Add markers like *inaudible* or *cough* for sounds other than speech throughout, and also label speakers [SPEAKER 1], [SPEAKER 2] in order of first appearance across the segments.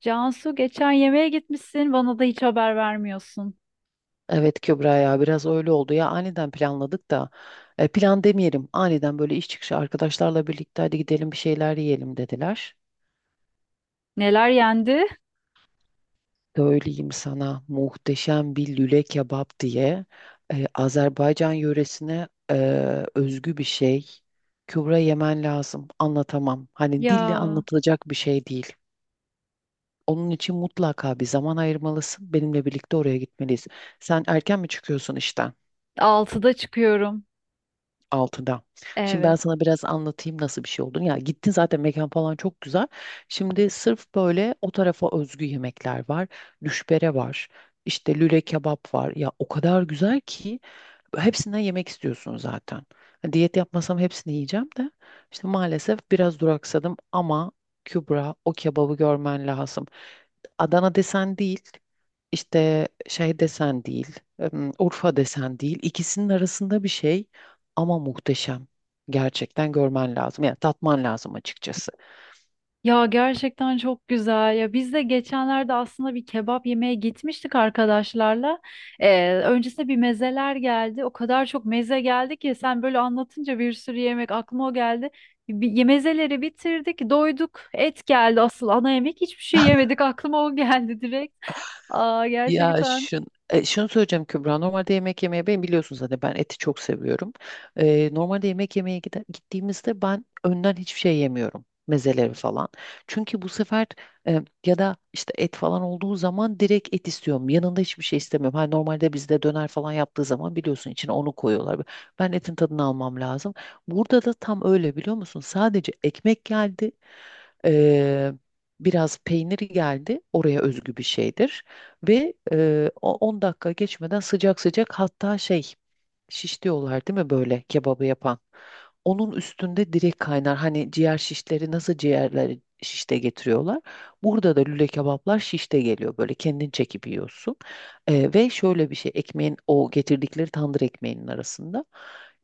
[SPEAKER 1] Cansu geçen yemeğe gitmişsin. Bana da hiç haber vermiyorsun.
[SPEAKER 2] Evet Kübra, ya biraz öyle oldu ya aniden planladık da plan demeyelim, aniden böyle iş çıkışı arkadaşlarla birlikte hadi gidelim bir şeyler yiyelim dediler.
[SPEAKER 1] Neler yendi?
[SPEAKER 2] Söyleyeyim sana, muhteşem bir lüle kebap diye Azerbaycan yöresine özgü bir şey. Kübra yemen lazım, anlatamam, hani dille
[SPEAKER 1] Ya
[SPEAKER 2] anlatılacak bir şey değil. Onun için mutlaka bir zaman ayırmalısın, benimle birlikte oraya gitmeliyiz. Sen erken mi çıkıyorsun işten?
[SPEAKER 1] 6'da çıkıyorum.
[SPEAKER 2] Altıda. Şimdi ben
[SPEAKER 1] Evet.
[SPEAKER 2] sana biraz anlatayım nasıl bir şey olduğunu. Ya gittin zaten, mekan falan çok güzel. Şimdi sırf böyle o tarafa özgü yemekler var. Düşbere var. İşte lüle kebap var. Ya o kadar güzel ki hepsinden yemek istiyorsun zaten. Ha, diyet yapmasam hepsini yiyeceğim de. İşte maalesef biraz duraksadım ama Kübra, o kebabı görmen lazım. Adana desen değil, işte şey desen değil, Urfa desen değil. İkisinin arasında bir şey ama muhteşem. Gerçekten görmen lazım. Yani tatman lazım açıkçası.
[SPEAKER 1] Ya gerçekten çok güzel. Ya biz de geçenlerde aslında bir kebap yemeye gitmiştik arkadaşlarla.
[SPEAKER 2] *laughs*
[SPEAKER 1] Öncesinde bir mezeler geldi. O kadar çok meze geldi ki sen böyle anlatınca bir sürü yemek aklıma o geldi. Bir, mezeleri bitirdik, doyduk. Et geldi asıl ana yemek. Hiçbir şey yemedik. Aklıma o geldi direkt. Aa gerçekten.
[SPEAKER 2] Şunu söyleyeceğim Kübra. Normalde yemek yemeye ben biliyorsun zaten, ben eti çok seviyorum. Normalde yemek yemeye gittiğimizde ben önden hiçbir şey yemiyorum. Mezeleri falan. Çünkü bu sefer ya da işte et falan olduğu zaman direkt et istiyorum. Yanında hiçbir şey istemiyorum. Hani normalde bizde döner falan yaptığı zaman biliyorsun içine onu koyuyorlar. Ben etin tadını almam lazım. Burada da tam öyle biliyor musun? Sadece ekmek geldi. E, Biraz peynir geldi. Oraya özgü bir şeydir. Ve 10 dakika geçmeden sıcak sıcak, hatta şey, şiş diyorlar değil mi böyle kebabı yapan. Onun üstünde direkt kaynar. Hani ciğer şişleri nasıl ciğerleri şişte getiriyorlar. Burada da lüle kebaplar şişte geliyor. Böyle kendin çekip yiyorsun. Ve şöyle bir şey, ekmeğin, o getirdikleri tandır ekmeğinin arasında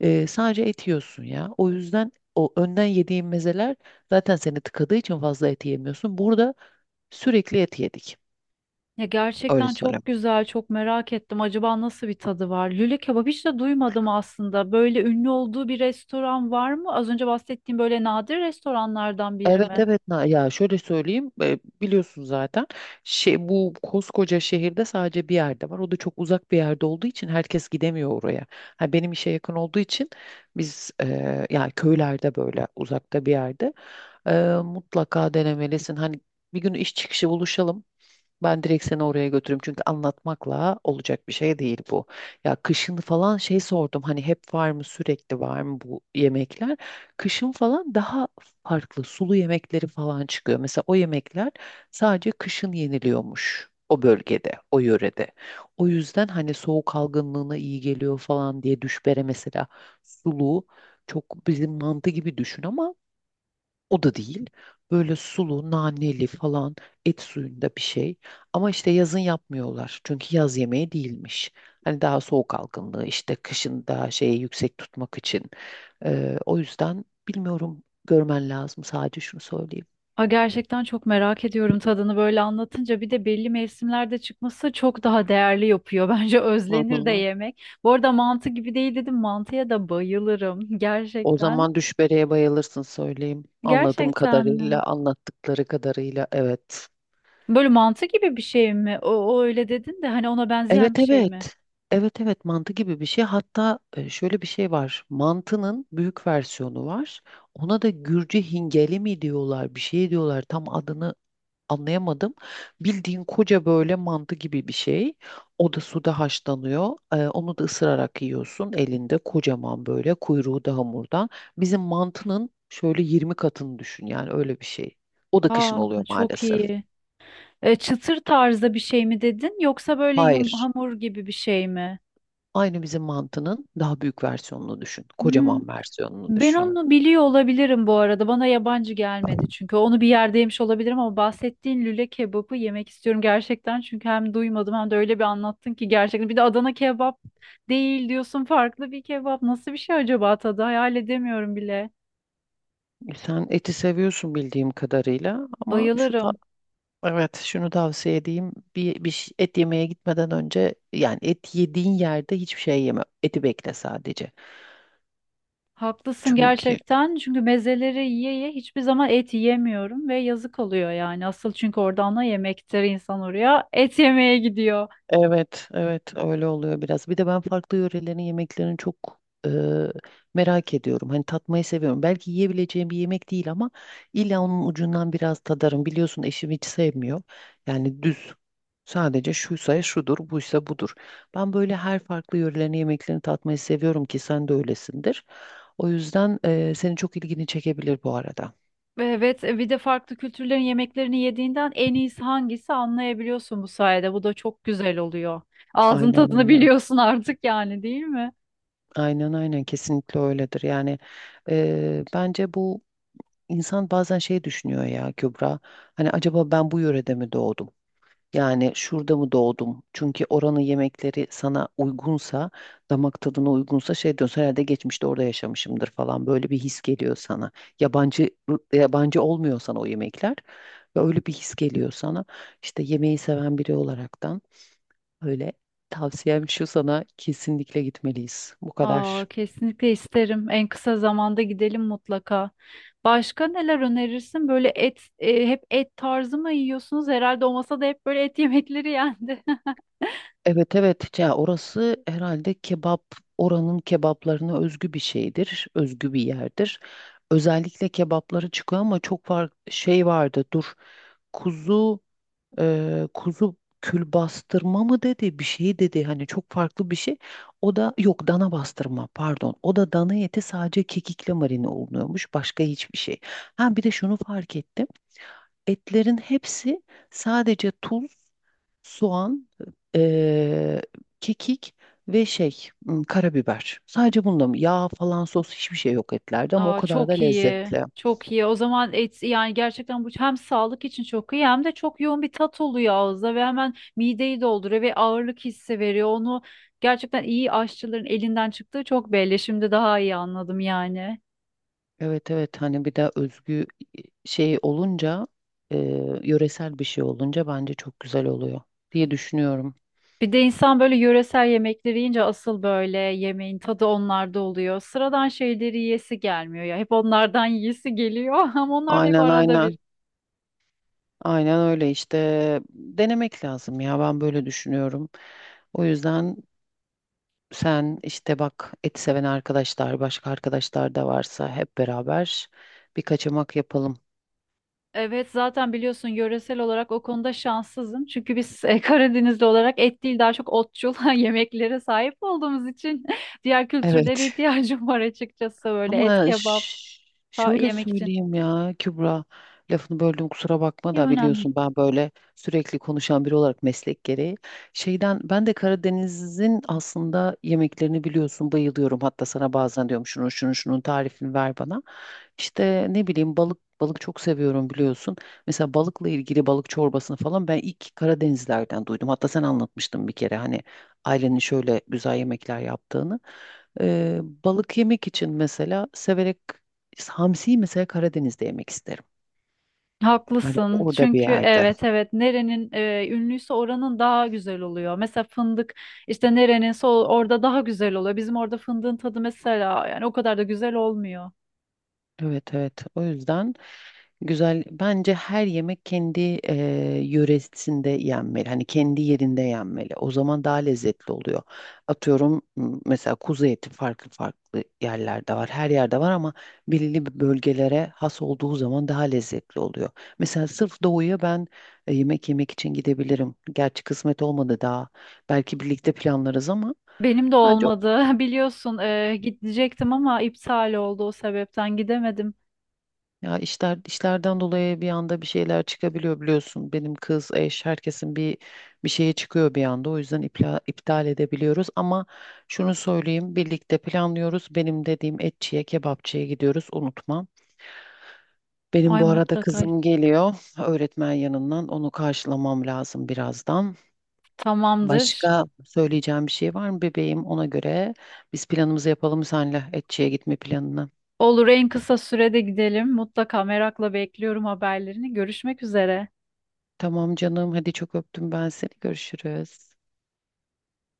[SPEAKER 2] sadece et yiyorsun ya. O yüzden o önden yediğin mezeler zaten seni tıkadığı için fazla et yemiyorsun. Burada sürekli et yedik.
[SPEAKER 1] Ya
[SPEAKER 2] Öyle
[SPEAKER 1] gerçekten
[SPEAKER 2] söyleyeyim.
[SPEAKER 1] çok güzel, çok merak ettim. Acaba nasıl bir tadı var? Lüle kebap hiç de duymadım aslında. Böyle ünlü olduğu bir restoran var mı? Az önce bahsettiğim böyle nadir restoranlardan biri
[SPEAKER 2] Evet
[SPEAKER 1] mi?
[SPEAKER 2] evet. Ya şöyle söyleyeyim, biliyorsun zaten şey, bu koskoca şehirde sadece bir yerde var, o da çok uzak bir yerde olduğu için herkes gidemiyor oraya. Ha, benim işe yakın olduğu için biz, yani köylerde böyle uzakta bir yerde, e, mutlaka denemelisin. Hani bir gün iş çıkışı buluşalım, ben direkt seni oraya götürürüm çünkü anlatmakla olacak bir şey değil bu. Ya kışın falan şey sordum, hani hep var mı, sürekli var mı bu yemekler? Kışın falan daha farklı sulu yemekleri falan çıkıyor. Mesela o yemekler sadece kışın yeniliyormuş o bölgede, o yörede. O yüzden hani soğuk algınlığına iyi geliyor falan diye, düşbere mesela sulu, çok bizim mantı gibi düşün ama o da değil. Böyle sulu, naneli falan, et suyunda bir şey. Ama işte yazın yapmıyorlar. Çünkü yaz yemeği değilmiş. Hani daha soğuk algınlığı işte, kışın daha şeyi yüksek tutmak için. O yüzden bilmiyorum, görmen lazım. Sadece şunu söyleyeyim.
[SPEAKER 1] Aa, gerçekten çok merak ediyorum tadını böyle anlatınca. Bir de belli mevsimlerde çıkması çok daha değerli yapıyor. *laughs* Bence
[SPEAKER 2] Hı
[SPEAKER 1] özlenir de
[SPEAKER 2] hı.
[SPEAKER 1] yemek. Bu arada mantı gibi değil dedim. Mantıya da bayılırım. *laughs*
[SPEAKER 2] O
[SPEAKER 1] Gerçekten.
[SPEAKER 2] zaman düşbereye bayılırsın söyleyeyim. Anladığım
[SPEAKER 1] Gerçekten mi?
[SPEAKER 2] kadarıyla, anlattıkları kadarıyla evet.
[SPEAKER 1] Böyle mantı gibi bir şey mi? O, o öyle dedin de hani ona
[SPEAKER 2] Evet
[SPEAKER 1] benzeyen bir şey mi?
[SPEAKER 2] evet. Evet evet, mantı gibi bir şey. Hatta şöyle bir şey var. Mantının büyük versiyonu var. Ona da Gürcü hingeli mi diyorlar, bir şey diyorlar. Tam adını anlayamadım. Bildiğin koca böyle mantı gibi bir şey. O da suda haşlanıyor. Onu da ısırarak yiyorsun, elinde kocaman, böyle kuyruğu da hamurdan. Bizim mantının şöyle 20 katını düşün, yani öyle bir şey. O da kışın
[SPEAKER 1] Aa,
[SPEAKER 2] oluyor
[SPEAKER 1] çok
[SPEAKER 2] maalesef.
[SPEAKER 1] iyi. Çıtır tarzda bir şey mi dedin yoksa böyle yum
[SPEAKER 2] Hayır.
[SPEAKER 1] hamur gibi bir şey mi?
[SPEAKER 2] Aynı bizim mantının daha büyük versiyonunu düşün.
[SPEAKER 1] Hmm,
[SPEAKER 2] Kocaman versiyonunu
[SPEAKER 1] ben
[SPEAKER 2] düşün.
[SPEAKER 1] onu biliyor olabilirim bu arada. Bana yabancı gelmedi çünkü. Onu bir yerde yemiş olabilirim ama bahsettiğin lüle kebabı yemek istiyorum gerçekten. Çünkü hem duymadım hem de öyle bir anlattın ki gerçekten. Bir de Adana kebap değil diyorsun farklı bir kebap. Nasıl bir şey acaba tadı? Hayal edemiyorum bile.
[SPEAKER 2] Sen eti seviyorsun bildiğim kadarıyla ama şu da
[SPEAKER 1] Bayılırım.
[SPEAKER 2] evet, şunu tavsiye edeyim. Et yemeye gitmeden önce, yani et yediğin yerde hiçbir şey yeme. Eti bekle sadece.
[SPEAKER 1] Haklısın
[SPEAKER 2] Çünkü
[SPEAKER 1] gerçekten çünkü mezeleri yiye yiye hiçbir zaman et yiyemiyorum ve yazık oluyor yani asıl çünkü oradan da yemektir insan oraya et yemeye gidiyor.
[SPEAKER 2] evet, evet öyle oluyor biraz. Bir de ben farklı yörelerin yemeklerini çok e, merak ediyorum. Hani tatmayı seviyorum. Belki yiyebileceğim bir yemek değil ama illa onun ucundan biraz tadarım. Biliyorsun eşim hiç sevmiyor. Yani düz. Sadece şuysa şudur, buysa budur. Ben böyle her farklı yörelerin yemeklerini tatmayı seviyorum, ki sen de öylesindir. O yüzden senin çok ilgini çekebilir bu arada.
[SPEAKER 1] Evet bir de farklı kültürlerin yemeklerini yediğinden en iyisi hangisi anlayabiliyorsun bu sayede bu da çok güzel oluyor. Ağzın
[SPEAKER 2] Aynen
[SPEAKER 1] tadını *laughs*
[SPEAKER 2] aynen.
[SPEAKER 1] biliyorsun artık yani değil mi?
[SPEAKER 2] Aynen aynen, kesinlikle öyledir. Yani bence bu, İnsan bazen şey düşünüyor ya Kübra. Hani acaba ben bu yörede mi doğdum? Yani şurada mı doğdum? Çünkü oranın yemekleri sana uygunsa, damak tadına uygunsa şey diyorsun, herhalde geçmişte orada yaşamışımdır falan. Böyle bir his geliyor sana. Yabancı yabancı olmuyor sana o yemekler. Ve öyle bir his geliyor sana. İşte yemeği seven biri olaraktan, öyle tavsiyem şu sana, kesinlikle gitmeliyiz. Bu
[SPEAKER 1] Aa,
[SPEAKER 2] kadar.
[SPEAKER 1] kesinlikle isterim en kısa zamanda gidelim mutlaka. Başka neler önerirsin? Böyle et, hep et tarzı mı yiyorsunuz? Herhalde o masada hep böyle et yemekleri yendi. *laughs*
[SPEAKER 2] Evet evet, ya orası herhalde kebap, oranın kebaplarına özgü bir şeydir, özgü bir yerdir. Özellikle kebapları çıkıyor ama çok var, şey vardı. Dur. Kuzu, kuzu kül bastırma mı dedi, bir şey dedi. Hani çok farklı bir şey. O da yok, dana bastırma pardon. O da dana eti sadece kekikle marine olunuyormuş. Başka hiçbir şey. Ha bir de şunu fark ettim. Etlerin hepsi sadece tuz, soğan, eee, kekik ve şey, hmm, karabiber. Sadece bunda mı? Yağ falan, sos, hiçbir şey yok etlerde ama o
[SPEAKER 1] Aa,
[SPEAKER 2] kadar da
[SPEAKER 1] çok iyi.
[SPEAKER 2] lezzetli.
[SPEAKER 1] Çok iyi. O zaman et, yani gerçekten bu hem sağlık için çok iyi hem de çok yoğun bir tat oluyor ağızda ve hemen mideyi dolduruyor ve ağırlık hissi veriyor. Onu gerçekten iyi aşçıların elinden çıktığı çok belli. Şimdi daha iyi anladım yani.
[SPEAKER 2] Evet evet, hani bir de özgü şey olunca, yöresel bir şey olunca bence çok güzel oluyor diye düşünüyorum.
[SPEAKER 1] Bir de insan böyle yöresel yemekleri yiyince asıl böyle yemeğin tadı onlarda oluyor. Sıradan şeyleri yiyesi gelmiyor ya. Hep onlardan yiyesi geliyor *laughs* ama onlar da hep
[SPEAKER 2] Aynen
[SPEAKER 1] arada bir.
[SPEAKER 2] aynen. Aynen öyle işte, denemek lazım ya, ben böyle düşünüyorum. O yüzden sen işte bak, et seven arkadaşlar, başka arkadaşlar da varsa hep beraber bir kaçamak yapalım.
[SPEAKER 1] Evet zaten biliyorsun yöresel olarak o konuda şanssızım. Çünkü biz Karadenizli olarak et değil daha çok otçul *laughs* yemeklere sahip olduğumuz için *laughs* diğer kültürlere
[SPEAKER 2] Evet.
[SPEAKER 1] ihtiyacım var açıkçası böyle et
[SPEAKER 2] Ama
[SPEAKER 1] kebap
[SPEAKER 2] ş-
[SPEAKER 1] da
[SPEAKER 2] Şöyle
[SPEAKER 1] yemek için.
[SPEAKER 2] söyleyeyim ya Kübra, lafını böldüm kusura bakma
[SPEAKER 1] İyi
[SPEAKER 2] da,
[SPEAKER 1] önemli değil.
[SPEAKER 2] biliyorsun ben böyle sürekli konuşan biri olarak meslek gereği. Şeyden, ben de Karadeniz'in aslında yemeklerini biliyorsun bayılıyorum. Hatta sana bazen diyorum şunu, şunu, şunun tarifini ver bana. İşte ne bileyim, balık çok seviyorum biliyorsun. Mesela balıkla ilgili balık çorbasını falan ben ilk Karadenizlerden duydum. Hatta sen anlatmıştın bir kere hani ailenin şöyle güzel yemekler yaptığını. Balık yemek için mesela, severek hamsiyi mesela Karadeniz'de yemek isterim. Hani
[SPEAKER 1] Haklısın.
[SPEAKER 2] orada bir
[SPEAKER 1] Çünkü
[SPEAKER 2] yerde.
[SPEAKER 1] evet evet nerenin ünlüyse oranın daha güzel oluyor. Mesela fındık işte nereninse o- orada daha güzel oluyor. Bizim orada fındığın tadı mesela yani o kadar da güzel olmuyor.
[SPEAKER 2] Evet evet. O yüzden. Güzel. Bence her yemek kendi yöresinde yenmeli. Hani kendi yerinde yenmeli. O zaman daha lezzetli oluyor. Atıyorum, mesela kuzu eti farklı farklı yerlerde var. Her yerde var ama belirli bir bölgelere has olduğu zaman daha lezzetli oluyor. Mesela sırf doğuya ben yemek yemek için gidebilirim. Gerçi kısmet olmadı daha. Belki birlikte planlarız ama
[SPEAKER 1] Benim de
[SPEAKER 2] bence,
[SPEAKER 1] olmadı. *laughs* Biliyorsun gidecektim ama iptal oldu o sebepten gidemedim.
[SPEAKER 2] ya işler, işlerden dolayı bir anda bir şeyler çıkabiliyor biliyorsun. Benim kız, eş, herkesin bir, bir şeye çıkıyor bir anda. O yüzden iptal edebiliyoruz ama şunu söyleyeyim, birlikte planlıyoruz. Benim dediğim etçiye, kebapçıya gidiyoruz, unutma. Benim
[SPEAKER 1] Ay
[SPEAKER 2] bu arada
[SPEAKER 1] mutlaka
[SPEAKER 2] kızım geliyor öğretmen yanından. Onu karşılamam lazım birazdan.
[SPEAKER 1] tamamdır.
[SPEAKER 2] Başka söyleyeceğim bir şey var mı bebeğim? Ona göre biz planımızı yapalım, senle etçiye gitme planını.
[SPEAKER 1] Olur en kısa sürede gidelim. Mutlaka merakla bekliyorum haberlerini. Görüşmek üzere.
[SPEAKER 2] Tamam canım, hadi çok öptüm ben seni. Görüşürüz.